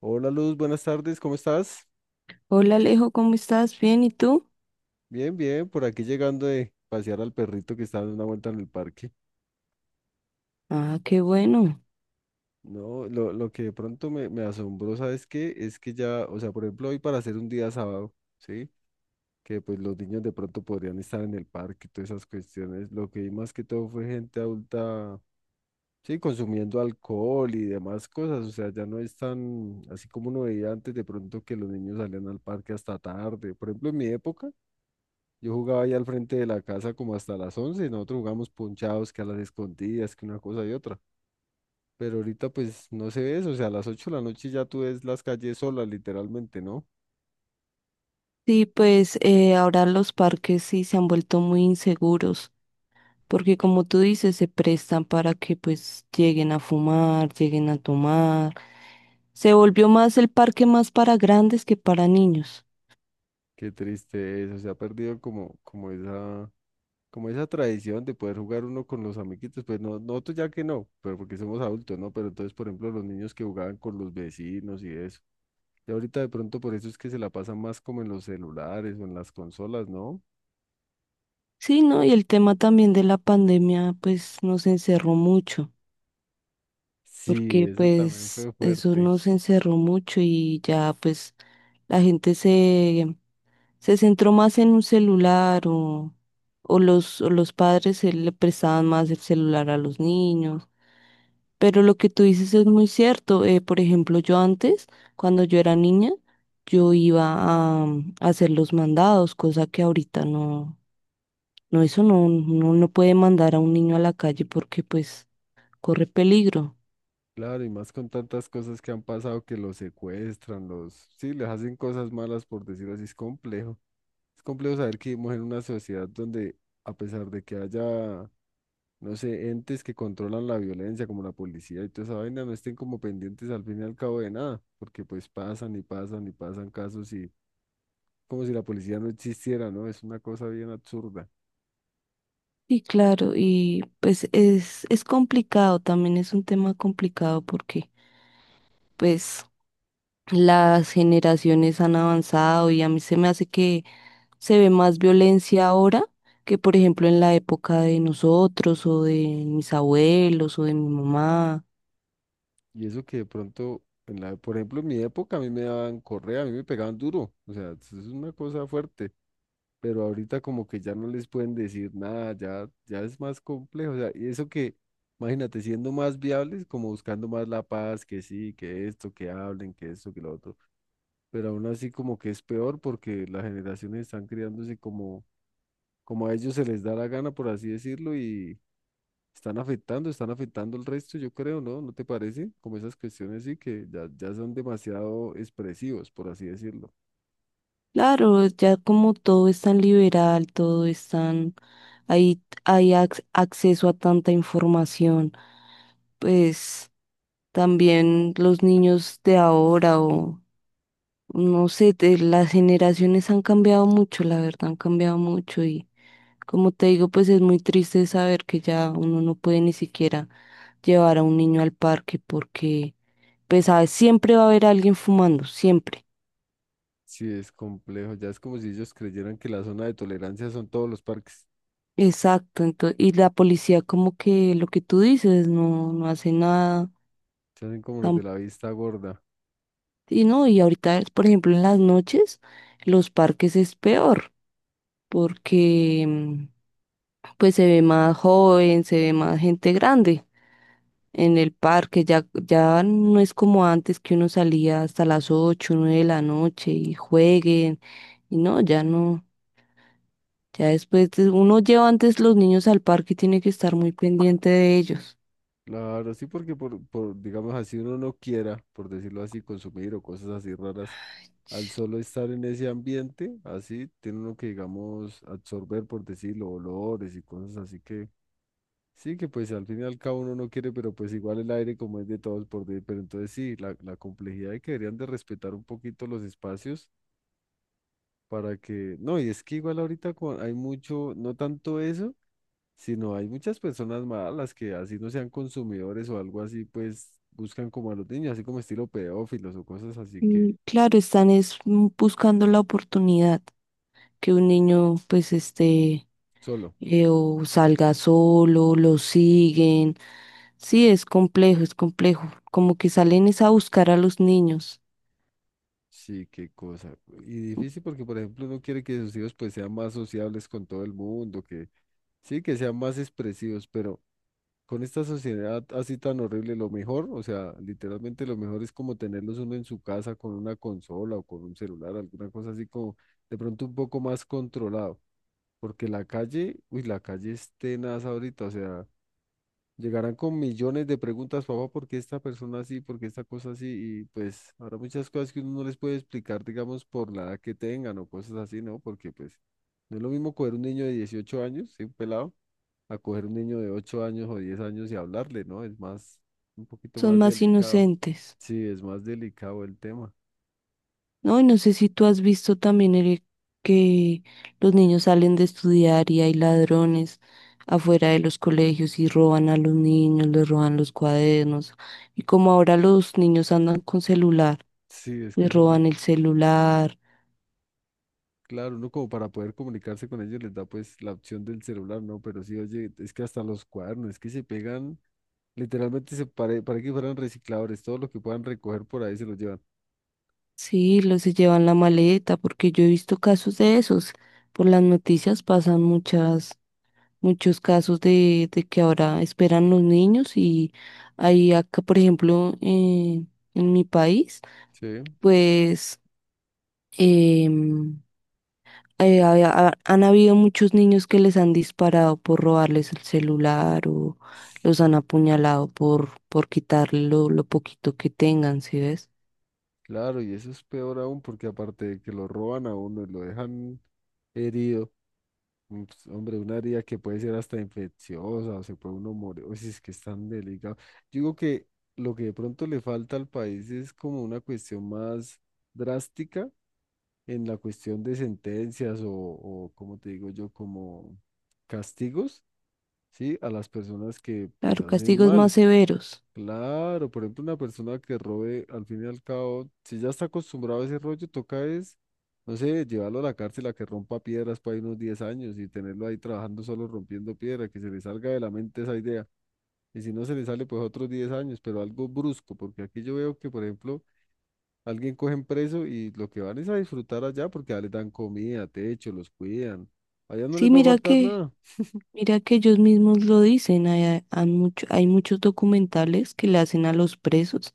Hola Luz, buenas tardes, ¿cómo estás? Hola Alejo, ¿cómo estás? Bien, ¿y tú? Bien, bien, por aquí llegando de pasear al perrito que está dando una vuelta en el parque. Ah, qué bueno. No, lo que de pronto me asombró, ¿sabes qué? Es que ya, o sea, por ejemplo, hoy para hacer un día sábado, ¿sí? Que pues los niños de pronto podrían estar en el parque y todas esas cuestiones. Lo que vi más que todo fue gente adulta, sí, consumiendo alcohol y demás cosas. O sea, ya no es tan, así como uno veía antes de pronto que los niños salían al parque hasta tarde. Por ejemplo, en mi época. Yo jugaba ahí al frente de la casa como hasta las 11, y nosotros jugamos ponchados, que a las escondidas, que una cosa y otra. Pero ahorita pues no se ve eso, o sea, a las 8 de la noche ya tú ves las calles solas literalmente, ¿no? Sí, pues ahora los parques sí se han vuelto muy inseguros, porque como tú dices, se prestan para que pues lleguen a fumar, lleguen a tomar. Se volvió más el parque más para grandes que para niños. Qué triste eso, se ha perdido como esa tradición de poder jugar uno con los amiguitos, pues no, nosotros ya que no, pero porque somos adultos, ¿no? Pero entonces, por ejemplo, los niños que jugaban con los vecinos y eso. Y ahorita de pronto por eso es que se la pasan más como en los celulares o en las consolas, ¿no? Sí, ¿no? Y el tema también de la pandemia pues nos encerró mucho, Sí, porque eso también pues fue eso fuerte. nos encerró mucho y ya pues la gente se centró más en un celular o los padres le prestaban más el celular a los niños. Pero lo que tú dices es muy cierto. Por ejemplo, yo antes, cuando yo era niña, yo iba a, a hacer los mandados, cosa que ahorita no, no, eso no, no, no puede mandar a un niño a la calle porque pues corre peligro. Claro, y más con tantas cosas que han pasado que los secuestran, sí, les hacen cosas malas, por decirlo así, es complejo. Es complejo saber que vivimos en una sociedad donde, a pesar de que haya, no sé, entes que controlan la violencia, como la policía y toda esa vaina, no estén como pendientes al fin y al cabo de nada, porque pues pasan y pasan y pasan casos y como si la policía no existiera, ¿no? Es una cosa bien absurda. Y claro, y pues es complicado, también es un tema complicado porque pues las generaciones han avanzado y a mí se me hace que se ve más violencia ahora que, por ejemplo, en la época de nosotros o de mis abuelos o de mi mamá. Y eso que de pronto, por ejemplo, en mi época a mí me daban correa, a mí me pegaban duro, o sea, es una cosa fuerte. Pero ahorita como que ya no les pueden decir nada, ya, ya es más complejo, o sea, y eso que, imagínate, siendo más viables, como buscando más la paz, que sí, que esto, que hablen, que esto, que lo otro, pero aún así como que es peor porque las generaciones están criándose como, como a ellos se les da la gana, por así decirlo, y están afectando el resto, yo creo, ¿no? ¿No te parece? Como esas cuestiones sí, que ya, ya son demasiado expresivos, por así decirlo. Claro, ya como todo es tan liberal, todo es tan ahí hay acceso a tanta información, pues también los niños de ahora o no sé, las generaciones han cambiado mucho, la verdad, han cambiado mucho y como te digo, pues es muy triste saber que ya uno no puede ni siquiera llevar a un niño al parque porque, pues, ¿sabes? Siempre va a haber alguien fumando, siempre. Sí, es complejo. Ya es como si ellos creyeran que la zona de tolerancia son todos los parques. Exacto, entonces, y la policía como que lo que tú dices, no, no hace nada. Se hacen como los de tam- la vista gorda. Y no, y ahorita, por ejemplo, en las noches, los parques es peor porque, pues, se ve más joven, se ve más gente grande en el parque, ya, ya no es como antes que uno salía hasta las 8 9 de la noche y jueguen, y no, ya no, ya uno lleva antes los niños al parque y tiene que estar muy pendiente de ellos. Claro, sí, porque por, digamos así, uno no quiera, por decirlo así, consumir o cosas así raras. Al solo estar en ese ambiente, así, tiene uno que, digamos, absorber, por decirlo, olores y cosas así, que sí, que pues al fin y al cabo uno no quiere, pero pues igual el aire como es de todos, por decir, pero entonces sí, la complejidad de que deberían de respetar un poquito los espacios para que, no, y es que igual ahorita hay mucho, no tanto eso, sino hay muchas personas malas que así no sean consumidores o algo así, pues buscan como a los niños, así como estilo pedófilos o cosas así, que Y claro, están es buscando la oportunidad que un niño pues esté solo. O salga solo, lo siguen. Sí, es complejo, como que salen es a buscar a los niños, Sí, qué cosa. Y difícil porque, por ejemplo, uno quiere que sus hijos pues sean más sociables con todo el mundo, que sí, que sean más expresivos, pero con esta sociedad así tan horrible, lo mejor, o sea, literalmente lo mejor es como tenerlos uno en su casa con una consola o con un celular, alguna cosa así como de pronto un poco más controlado, porque la calle, uy, la calle es tenaz ahorita, o sea, llegarán con millones de preguntas, papá, ¿por qué esta persona así? ¿Por qué esta cosa así? Y pues habrá muchas cosas que uno no les puede explicar, digamos, por la edad que tengan o cosas así, ¿no? Porque pues no es lo mismo coger un niño de 18 años, ¿sí? Un pelado, a coger un niño de 8 años o 10 años, y hablarle, ¿no? Es más, un poquito son más más delicado. inocentes. Sí, es más delicado el tema. No, y no sé si tú has visto también, Eric, que los niños salen de estudiar y hay ladrones afuera de los colegios y roban a los niños, les roban los cuadernos. Y como ahora los niños andan con celular, Sí, es que les esa es la... roban el celular, Claro, uno como para poder comunicarse con ellos les da pues la opción del celular, ¿no? Pero sí, oye, es que hasta los cuadernos, es que se pegan, literalmente se pare, para que fueran recicladores, todo lo que puedan recoger por ahí se lo llevan. sí, los se llevan la maleta, porque yo he visto casos de esos. Por las noticias pasan muchas, muchos casos de que ahora esperan los niños y ahí acá, por ejemplo, en mi país. Sí, Pues em, han habido muchos niños que les han disparado por robarles el celular o los han apuñalado por quitarle lo poquito que tengan, ¿sí ves? claro, y eso es peor aún porque aparte de que lo roban a uno y lo dejan herido, mm, pues, hombre, un área que puede ser hasta infecciosa, o se puede uno morir, o si es que es tan delicado. Yo digo que lo que de pronto le falta al país es como una cuestión más drástica en la cuestión de sentencias o como te digo yo, como castigos, ¿sí? A las personas que pues Claro, hacen castigos más mal. severos. Claro, por ejemplo, una persona que robe, al fin y al cabo, si ya está acostumbrado a ese rollo, toca es, no sé, llevarlo a la cárcel a que rompa piedras para unos 10 años y tenerlo ahí trabajando solo rompiendo piedra, que se le salga de la mente esa idea. Y si no se le sale, pues otros 10 años, pero algo brusco, porque aquí yo veo que, por ejemplo, alguien cogen preso y lo que van es a disfrutar allá porque ya les dan comida, techo, los cuidan. Allá no les Sí, va a faltar nada. mira que ellos mismos lo dicen, hay, hay muchos documentales que le hacen a los presos.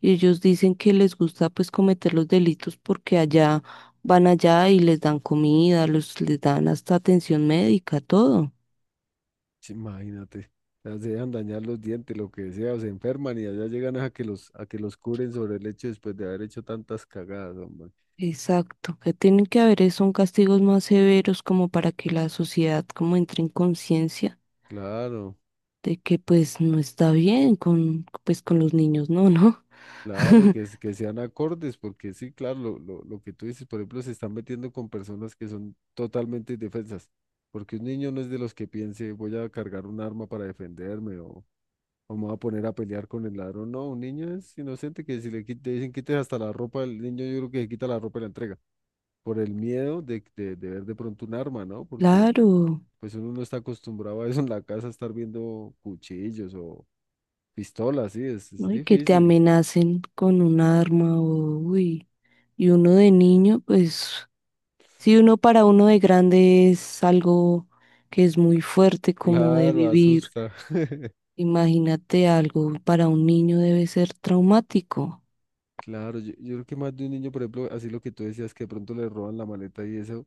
Y ellos dicen que les gusta pues cometer los delitos porque allá van allá y les dan comida, los, les dan hasta atención médica, todo. Sí, imagínate, las dejan dañar los dientes, lo que sea, o se enferman y allá llegan a que los curen sobre el hecho después de haber hecho tantas cagadas, hombre. Exacto, que tienen que haber es son castigos más severos como para que la sociedad como entre en conciencia Claro, de que pues no está bien con pues con los niños, no, no. claro, que, que sean acordes, porque sí, claro, lo que tú dices, por ejemplo, se están metiendo con personas que son totalmente indefensas, porque un niño no es de los que piense, voy a cargar un arma para defenderme, o me voy a poner a pelear con el ladrón. No, un niño es inocente, que si le le dicen quites hasta la ropa, el niño yo creo que se quita la ropa y la entrega. Por el miedo de ver de pronto un arma, ¿no? Porque Claro, pues uno no está acostumbrado a eso en la casa, estar viendo cuchillos o pistolas, sí, es ¿no? Y que te difícil. amenacen con un arma o uy, y uno de niño pues si uno para uno de grande es algo que es muy fuerte como de Claro, vivir, asusta. imagínate algo para un niño debe ser traumático. Claro, yo creo que más de un niño, por ejemplo, así lo que tú decías, que de pronto le roban la maleta y eso,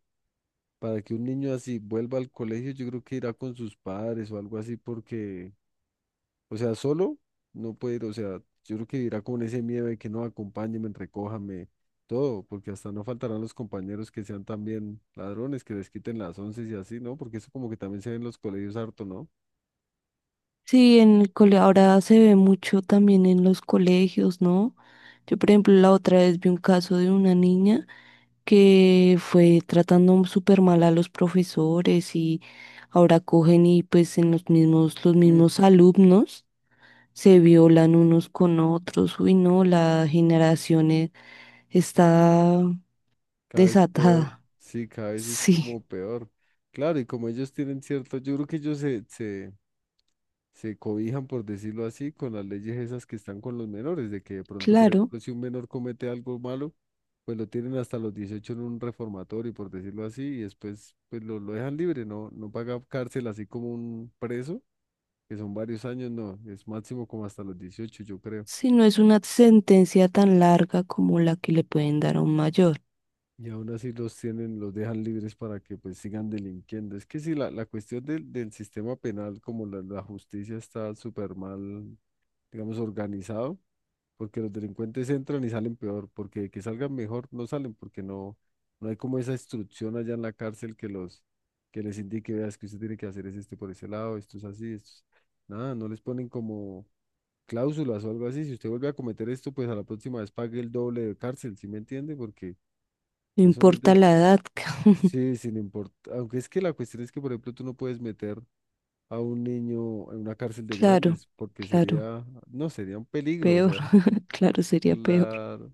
para que un niño así vuelva al colegio, yo creo que irá con sus padres o algo así, porque o sea, solo no puedo, ir, o sea, yo creo que irá con ese miedo de que no, acompáñenme, recójame, todo, porque hasta no faltarán los compañeros que sean también ladrones, que les quiten las once y así, ¿no? Porque eso como que también se ve en los colegios harto, ¿no? Sí, en el cole ahora se ve mucho también en los colegios, ¿no? Yo, por ejemplo, la otra vez vi un caso de una niña que fue tratando súper mal a los profesores y ahora cogen y pues en los Mm, mismos alumnos se violan unos con otros. Uy, no, está cada vez peor, desatada. sí, cada vez es como Sí, peor. Claro, y como ellos tienen cierto, yo creo que ellos se cobijan, por decirlo así, con las leyes esas que están con los menores, de que de pronto, por claro, ejemplo, si un menor comete algo malo, pues lo tienen hasta los 18 en un reformatorio, por decirlo así, y después pues lo dejan libre, no, no paga cárcel así como un preso, que son varios años, no, es máximo como hasta los 18 yo creo. si no es una sentencia tan larga como la que le pueden dar a un mayor. Y aún así los tienen, los dejan libres para que pues sigan delinquiendo. Es que si la cuestión del sistema penal, como la justicia está súper mal, digamos, organizado, porque los delincuentes entran y salen peor, porque de que salgan mejor no salen, porque no, no hay como esa instrucción allá en la cárcel que que les indique, veas que usted tiene que hacer es este por ese lado, esto es así, Nada, no les ponen como cláusulas o algo así, si usted vuelve a cometer esto, pues a la próxima vez pague el doble de cárcel, ¿sí me entiende? Porque No eso no es importa de, la edad, sí, sin importar, aunque es que la cuestión es que, por ejemplo, tú no puedes meter a un niño en una cárcel de claro, grandes, porque claro, sería, no, sería un peligro, o peor, sea, claro, sería peor. claro.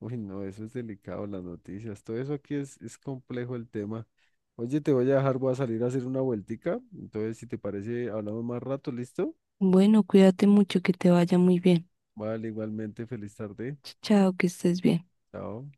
Uy, no, eso es delicado, las noticias. Todo eso aquí es complejo el tema. Oye, te voy a dejar, voy a salir a hacer una vueltica. Entonces, si te parece, hablamos más rato, ¿listo? Bueno, cuídate mucho, que te vaya muy bien. Vale, igualmente, feliz tarde. Chao, que estés bien. Chao.